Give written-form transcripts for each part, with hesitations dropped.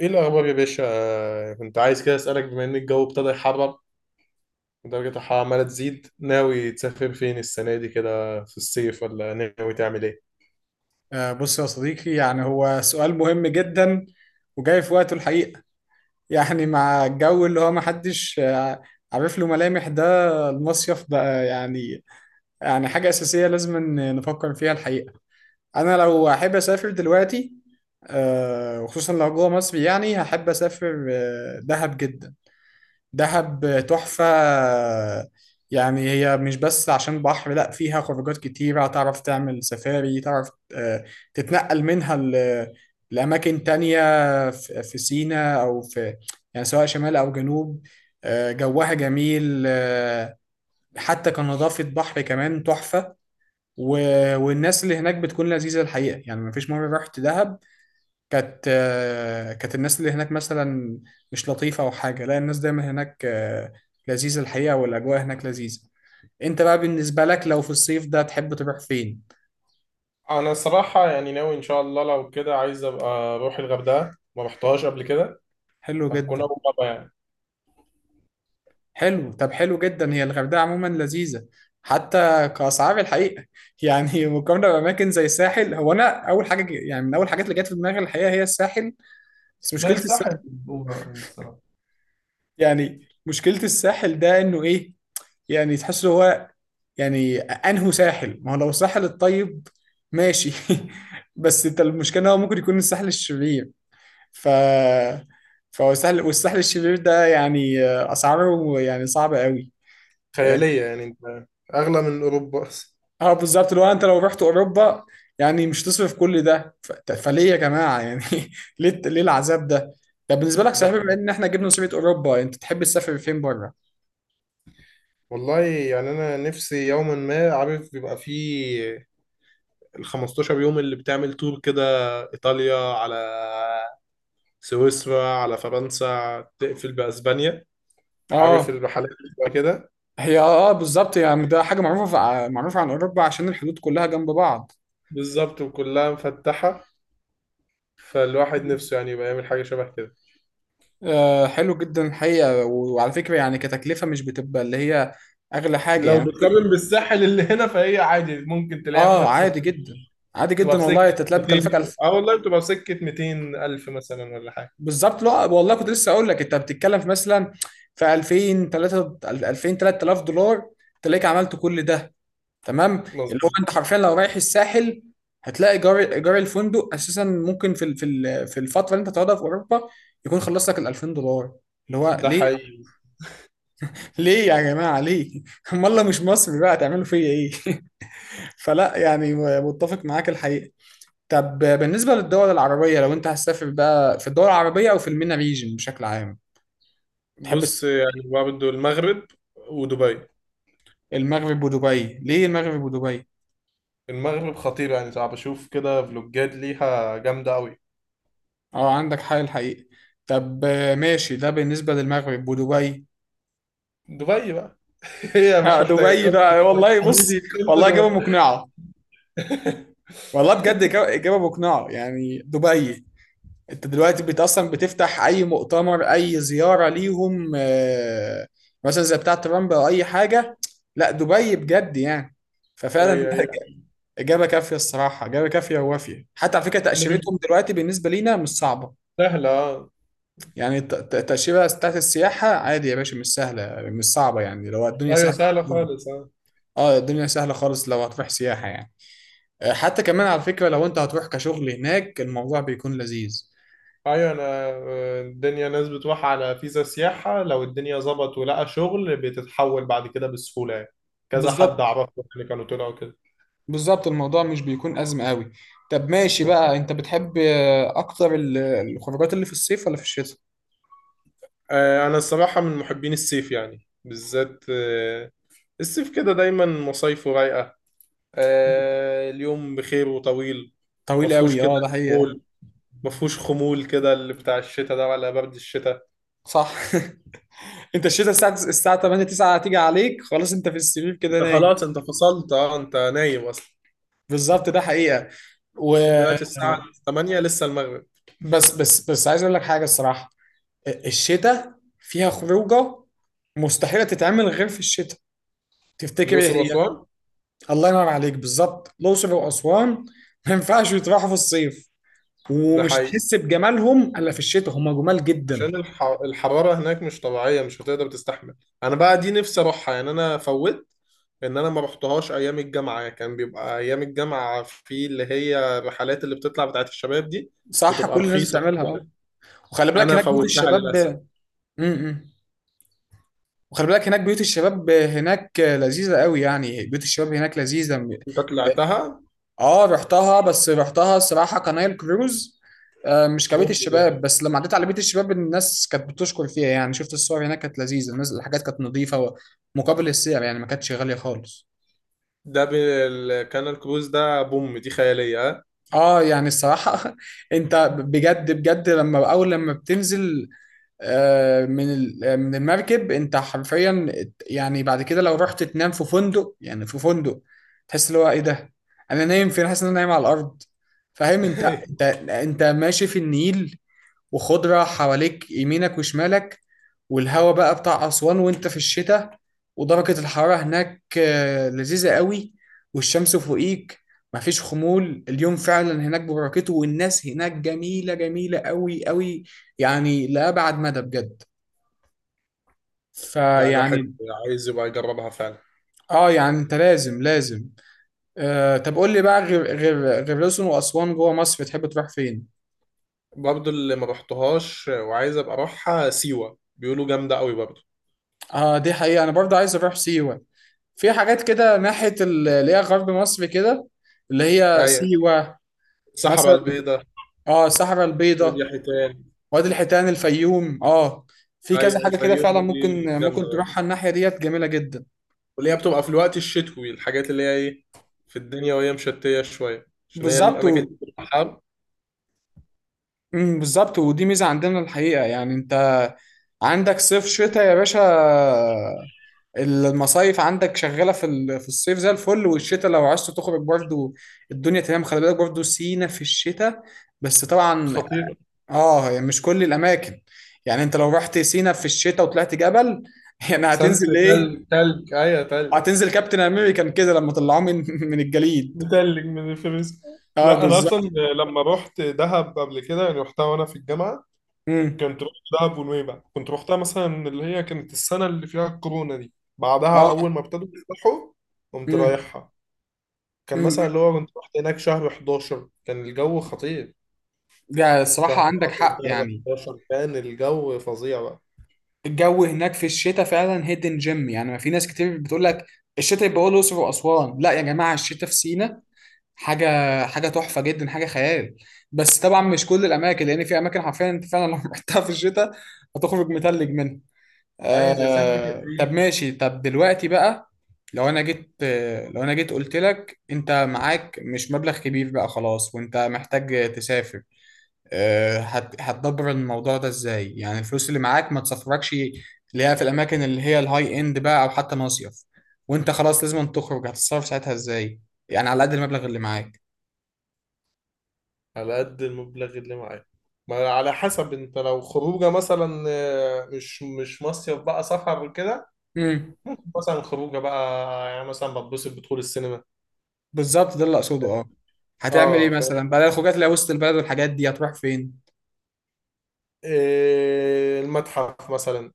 ايه الاخبار يا باشا؟ كنت عايز كده اسالك، بما ان الجو ابتدى يحرر ودرجة الحرارة عمالة تزيد، ناوي تسافر فين السنة دي كده في الصيف، ولا ناوي تعمل ايه؟ بص يا صديقي، يعني هو سؤال مهم جدا وجاي في وقته الحقيقة. يعني مع الجو اللي هو محدش عارف له ملامح ده، المصيف بقى يعني حاجة أساسية لازم إن نفكر فيها الحقيقة. أنا لو أحب أسافر دلوقتي وخصوصا لو جوه مصر، يعني هحب أسافر دهب جدا. دهب تحفة. يعني هي مش بس عشان بحر، لا، فيها خروجات كتيرة، تعرف تعمل سفاري، تعرف آه، تتنقل منها لأماكن تانية في سيناء أو في، يعني سواء شمال أو جنوب. جوها جميل، حتى كنظافة بحر كمان تحفة. والناس اللي هناك بتكون لذيذة الحقيقة. يعني مفيش مرة رحت دهب كانت كانت الناس اللي هناك مثلا مش لطيفة أو حاجة، لا، الناس دايما هناك لذيذة الحقيقة، والأجواء هناك لذيذة. أنت بقى بالنسبة لك لو في الصيف ده تحب تروح فين؟ أنا الصراحة يعني ناوي إن شاء الله، لو كده عايز أبقى أروح الغردقة، ما رحتهاش قبل كده. حلو هتكون جدا. أول مرة يعني. حلو، طب حلو جدا. هي الغردقة عموما لذيذة، حتى كأسعار الحقيقة. يعني مقارنة بأماكن زي الساحل، هو أنا أول حاجة يعني من أول الحاجات اللي جت في دماغي الحقيقة هي الساحل. بس لا، مشكلة الساحل الساحل، الأولى يعني الصراحة. يعني مشكلة الساحل ده إنه إيه، يعني تحس هو، يعني انهو ساحل. ما هو لو الساحل الطيب ماشي، بس انت المشكله إن هو ممكن يكون الساحل الشرير. ف فهو الساحل، والساحل الشرير ده يعني اسعاره يعني صعبه قوي. خيالية يعني، أنت. أغلى من أوروبا أصلا. اه بالظبط، اللي هو انت لو رحت اوروبا، يعني مش تصرف كل ده، فليه يا جماعه؟ يعني ليه ليه العذاب ده؟ طب بالنسبه لك، ده صحيح، بما حقيقي. ان احنا جبنا سيره اوروبا، انت تحب تسافر فين بره؟ والله يعني أنا نفسي يوما ما، عارف بيبقى فيه ال 15 يوم اللي بتعمل تور كده، إيطاليا على سويسرا على فرنسا، تقفل بأسبانيا. عارف اه. الرحلات اللي بتبقى كده. هي، اه، بالظبط، يعني ده حاجه معروفه عن اوروبا، عشان الحدود كلها جنب بعض. بالظبط، وكلها مفتحة، فالواحد نفسه يعني يبقى يعمل حاجة شبه كده. حلو جدا الحقيقة، وعلى فكرة، يعني كتكلفة مش بتبقى اللي هي أغلى حاجة لو يعني. بتقارن بالساحل اللي هنا فهي عادي، ممكن تلاقيها في آه، نفس عادي جدا. عادي بتبقى جدا في سكة والله، أنت تلاقي 200. مكلفك ألف. اه، والله بتبقى في سكة 200 ألف مثلا ولا حاجة. بالظبط، لا والله كنت لسه أقول لك، أنت بتتكلم في مثلا في 2000 3000 دولار تلاقيك عملت كل ده. تمام. اللي هو مظبوط. أنت حرفيا لو رايح الساحل هتلاقي إيجار الفندق أساسا ممكن في الفترة اللي أنت هتقعدها في أوروبا يكون خلص لك ال 2000 دولار. اللي هو ده ليه؟ حقيقي. ليه يا جماعة؟ ليه؟ أمال لو مش مصري بقى هتعملوا فيا إيه؟ فلا، يعني متفق معاك الحقيقة. طب بالنسبة للدول العربية، لو انت هتسافر بقى في الدول العربية او في المينا ريجن بشكل عام، تحب تس- بص، يعني برضه المغرب ودبي. المغرب ودبي؟ ليه المغرب ودبي؟ المغرب خطير يعني، صعب أشوف كده فلوجات ليها جامدة أوي. اه، عندك حق الحقيقة. طب ماشي، ده بالنسبة للمغرب ودبي. دبي بقى هي مش محتاجة دبي كارت. بقى، دبي والله بص، حبيبي، كارت والله إجابة دبي. مقنعة. والله بجد، إجابة مقنعة يعني. دبي انت دلوقتي بت اصلا بتفتح اي مؤتمر، اي زياره ليهم، مثلا زي بتاعه ترامب او اي حاجه، لا دبي بجد يعني. ففعلا ايوه، ايوه. اجابه كافيه الصراحه، اجابه كافيه ووافيه. حتى على فكره نعم. تاشيرتهم دلوقتي بالنسبه لينا مش صعبه. سهلة، اه. يعني التاشيره بتاعت السياحه عادي يا باشا، مش سهله، مش صعبه، يعني لو الدنيا ايوه، سهله سهلة عندهم. خالص، اه. اه، الدنيا سهله خالص لو هتروح سياحه يعني. حتى كمان على فكره لو انت هتروح كشغل هناك، الموضوع بيكون لذيذ. ايوه انا، الدنيا ناس بتروح على فيزا سياحة، لو الدنيا ظبط ولقى شغل بتتحول بعد كده بسهولة يعني. كذا حد بالظبط. اعرفه يعني، كانوا طلعوا كده. بالظبط، الموضوع مش بيكون أزمة قوي. طب ماشي بقى، انت بتحب اكتر الخروجات اللي في الصيف ولا في الشتاء؟ انا الصراحة من محبين الصيف يعني، بالذات الصيف كده دايما مصايفه رايقة. اليوم بخير وطويل، طويل مفهوش قوي، كده اه، ده حقيقة. خمول. مفهوش خمول كده اللي بتاع الشتاء ده، ولا برد الشتاء. صح. انت الشتاء الساعة 8 9 هتيجي عليك، خلاص انت في السرير كده انت نايم. خلاص انت فصلت، اه انت نايم اصلا. بالظبط، ده حقيقة. و انت دلوقتي الساعة 8 لسه المغرب. بس بس بس، عايز اقول لك حاجة الصراحة. الشتاء فيها خروجة مستحيلة تتعمل غير في الشتاء. تفتكر ايه الأقصر هي؟ وأسوان. الله ينور عليك، بالظبط، الأقصر وأسوان. ما ينفعش يتراحوا في الصيف، ده ومش حقيقي. تحس بجمالهم الا في الشتاء، هم جمال جدا. عشان الحرارة هناك مش طبيعية، مش هتقدر تستحمل. أنا بقى دي نفسي أروحها يعني. أنا فوت إن أنا ما رحتهاش أيام الجامعة. كان بيبقى أيام الجامعة في اللي هي الرحلات اللي بتطلع بتاعت الشباب دي، صح، بتبقى كل الناس رخيصة بتعملها اه. وكده. وخلي بالك أنا هناك بيوت فوتها الشباب. للأسف. امم وخلي بالك هناك بيوت الشباب هناك لذيذة قوي، يعني بيوت الشباب هناك لذيذة أنت طلعتها. اه، رحتها، بس رحتها الصراحة كنايل كروز، مش كبيت بوم دي يعني. الشباب. بس لما عديت على بيت الشباب، الناس كانت بتشكر فيها، يعني شفت الصور هناك كانت لذيذة، الناس، الحاجات كانت نظيفة، مقابل السعر يعني ما كانتش غالية خالص. كان الكروز ده بوم دي خيالية، ها؟ اه يعني الصراحة انت بجد بجد، لما اول لما بتنزل آه، من ال- آه، من المركب، انت حرفيا يعني بعد كده لو رحت تنام في فندق، تحس اللي هو ايه ده، انا نايم فين، حاسس ان انا نايم على الارض. فاهم؟ انت انت انت ماشي في النيل وخضرة حواليك، يمينك وشمالك، والهوا بقى بتاع أسوان، وانت في الشتاء، ودرجة الحرارة هناك لذيذة قوي، والشمس فوقيك، مفيش خمول، اليوم فعلا هناك ببركته، والناس هناك جميلة، جميلة قوي قوي، يعني لأبعد مدى بجد. لا، الواحد فيعني، عايز يبقى يجربها فعلا. اه يعني انت لازم لازم. طب قول لي بقى، غير الأقصر وأسوان، جوه مصر بتحب تروح فين؟ برضو اللي ما رحتهاش وعايز ابقى اروحها سيوة، بيقولوا جامدة قوي برضو. اه، دي حقيقة، انا برضه عايز اروح سيوة. في حاجات كده ناحية اللي هي غرب مصر كده، اللي هي ايوه. سيوة الصحراء مثلا. البيضاء. اه، الصحراء البيضاء، وادي حيتان. وادي الحيتان، الفيوم، اه، في كذا ايوه، حاجة كده الفيوم فعلا، دي ممكن جامدة. تروحها، الناحية ديت جميلة جدا. واللي هي بتبقى في الوقت الشتوي، الحاجات اللي هي ايه في الدنيا، وهي مشتية شوية عشان هي بالظبط الأماكن و... دي بتبقى حر. بالظبط، ودي ميزة عندنا الحقيقة، يعني انت عندك صيف، شتاء يا باشا. المصايف عندك شغالة في الصيف زي الفل، والشتاء لو عايز تخرج برضو الدنيا تمام. خلي بالك برضو سينا في الشتاء، بس طبعا، خطيرة. اه هي مش كل الاماكن. يعني انت لو رحت سينا في الشتاء وطلعت جبل، يعني سانت، هتنزل تلج ايه؟ تلج، ايوه تلج. هتنزل كابتن امريكان كده، لما طلعوه من من الجليد. متلج من الفلوس. اه لا، انا اصلا بالظبط. لما رحت دهب قبل كده يعني، رحتها وانا في الجامعة. امم كنت رحت دهب ونويبع، كنت رحتها مثلا اللي هي كانت السنة اللي فيها الكورونا دي. بعدها اه أول ما ابتدوا يفتحوا قمت امم رايحها. كان امم مثلا اللي هو كنت رحت هناك شهر 11، كان الجو خطير. ده الصراحه شهر عندك 10، حق شهر يعني. 11 كان الجو فظيع بقى. الجو هناك في الشتاء فعلا هيدن جيم. يعني ما في ناس كتير بتقول لك الشتاء يبقى هو الاقصر واسوان، لا يا جماعه، الشتاء في سينا حاجه، تحفه جدا، حاجه خيال. بس طبعا مش كل الاماكن، لان في اماكن حرفيا انت فعلا لو رحتها في الشتاء هتخرج متلج منها. أي زي سانت طب كاترين. ماشي، طب دلوقتي بقى، لو انا جيت قلت لك انت معاك مش مبلغ كبير بقى خلاص، وانت محتاج تسافر، هتدبر الموضوع ده ازاي؟ يعني الفلوس اللي معاك ما تسافركش اللي هي في الاماكن اللي هي الهاي اند بقى، او حتى مصيف، وانت خلاص لازم تخرج، هتتصرف ساعتها ازاي؟ يعني على قد المبلغ اللي معاك. على قد المبلغ اللي معايا. ما على حسب، انت لو خروجه مثلا، مش مصيف بقى، سفر كده. امم ممكن مثلا خروجه بقى، يعني مثلا بتبسط بدخول السينما. بالظبط، ده اللي اقصده، اه. هتعمل ايه اه فاهم، مثلا بقى، الخروجات اللي هي وسط البلد والحاجات دي هتروح فين؟ إيه، المتحف مثلا.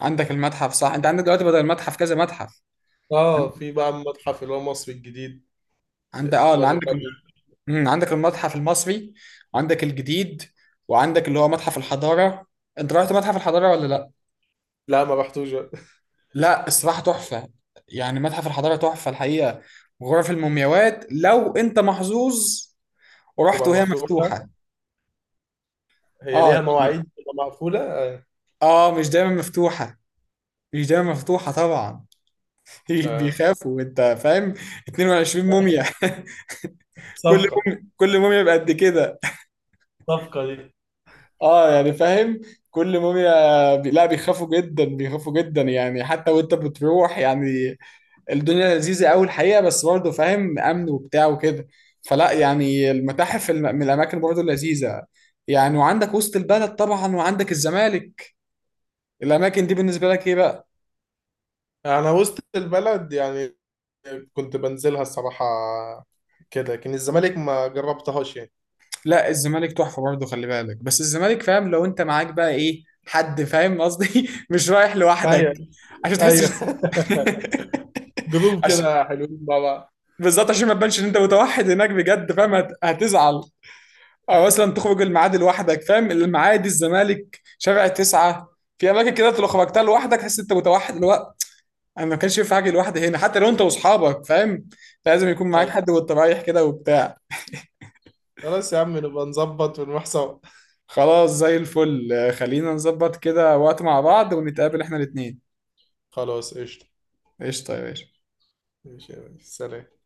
عندك المتحف، صح، انت عندك دلوقتي بدل المتحف كذا متحف. اه، عند في بقى المتحف اللي هو مصر الجديد، اه اللي ولا مش عندك، عارف إيه. عندك المتحف المصري، وعندك الجديد، وعندك اللي هو متحف الحضارة. انت رحت متحف الحضارة ولا لا؟ لا، ما رحتوش. لا الصراحة تحفة، يعني متحف الحضارة تحفة الحقيقة. غرف المومياوات لو انت محظوظ ورحت تبقى وهي مفتوحة، مفتوحة، هي اه ليها يعني مواعيد تبقى مقفولة. اه مش دايما مفتوحة، مش دايما مفتوحة طبعا. آه. بيخافوا، انت فاهم، 22 موميا. كل صفقة، موميا، كل موميا بقد كده. صفقة دي. اه يعني فاهم، لا بيخافوا جدا، بيخافوا جدا يعني، حتى وانت بتروح، يعني الدنيا لذيذة قوي الحقيقة، بس برضه فاهم، امن وبتاع وكده. فلا يعني من الاماكن برضه لذيذة يعني. وعندك وسط البلد طبعا، وعندك الزمالك. الاماكن دي بالنسبة لك ايه بقى؟ أنا وسط البلد يعني كنت بنزلها الصراحة كده، لكن الزمالك ما جربتهاش يعني. لا الزمالك تحفة برضه، خلي بالك. بس الزمالك، فاهم، لو انت معاك بقى، ايه، حد، فاهم قصدي، مش رايح لوحدك، ايوه، عشان ايوه. تحسش. جروب عشان، كده حلوين مع بعض. بالظبط، عشان ما تبانش ان انت متوحد هناك بجد، فاهم هتزعل. او مثلا تخرج الميعاد لوحدك، فاهم، المعادي، الزمالك، شارع تسعة، في اماكن كده أنت لو خرجتها لوحدك تحس انت متوحد الوقت. انا ما كانش ينفع اجي لوحدي هنا، حتى لو انت واصحابك فاهم، لازم يكون معاك ايوه، حد وانت رايح كده وبتاع. خلاص يا عم نبقى نظبط ونروح سوا. خلاص زي الفل، خلينا نظبط كده وقت مع بعض ونتقابل احنا الاتنين. خلاص، قشطة. قشطه يا باشا. ماشي يا ريس. سلام.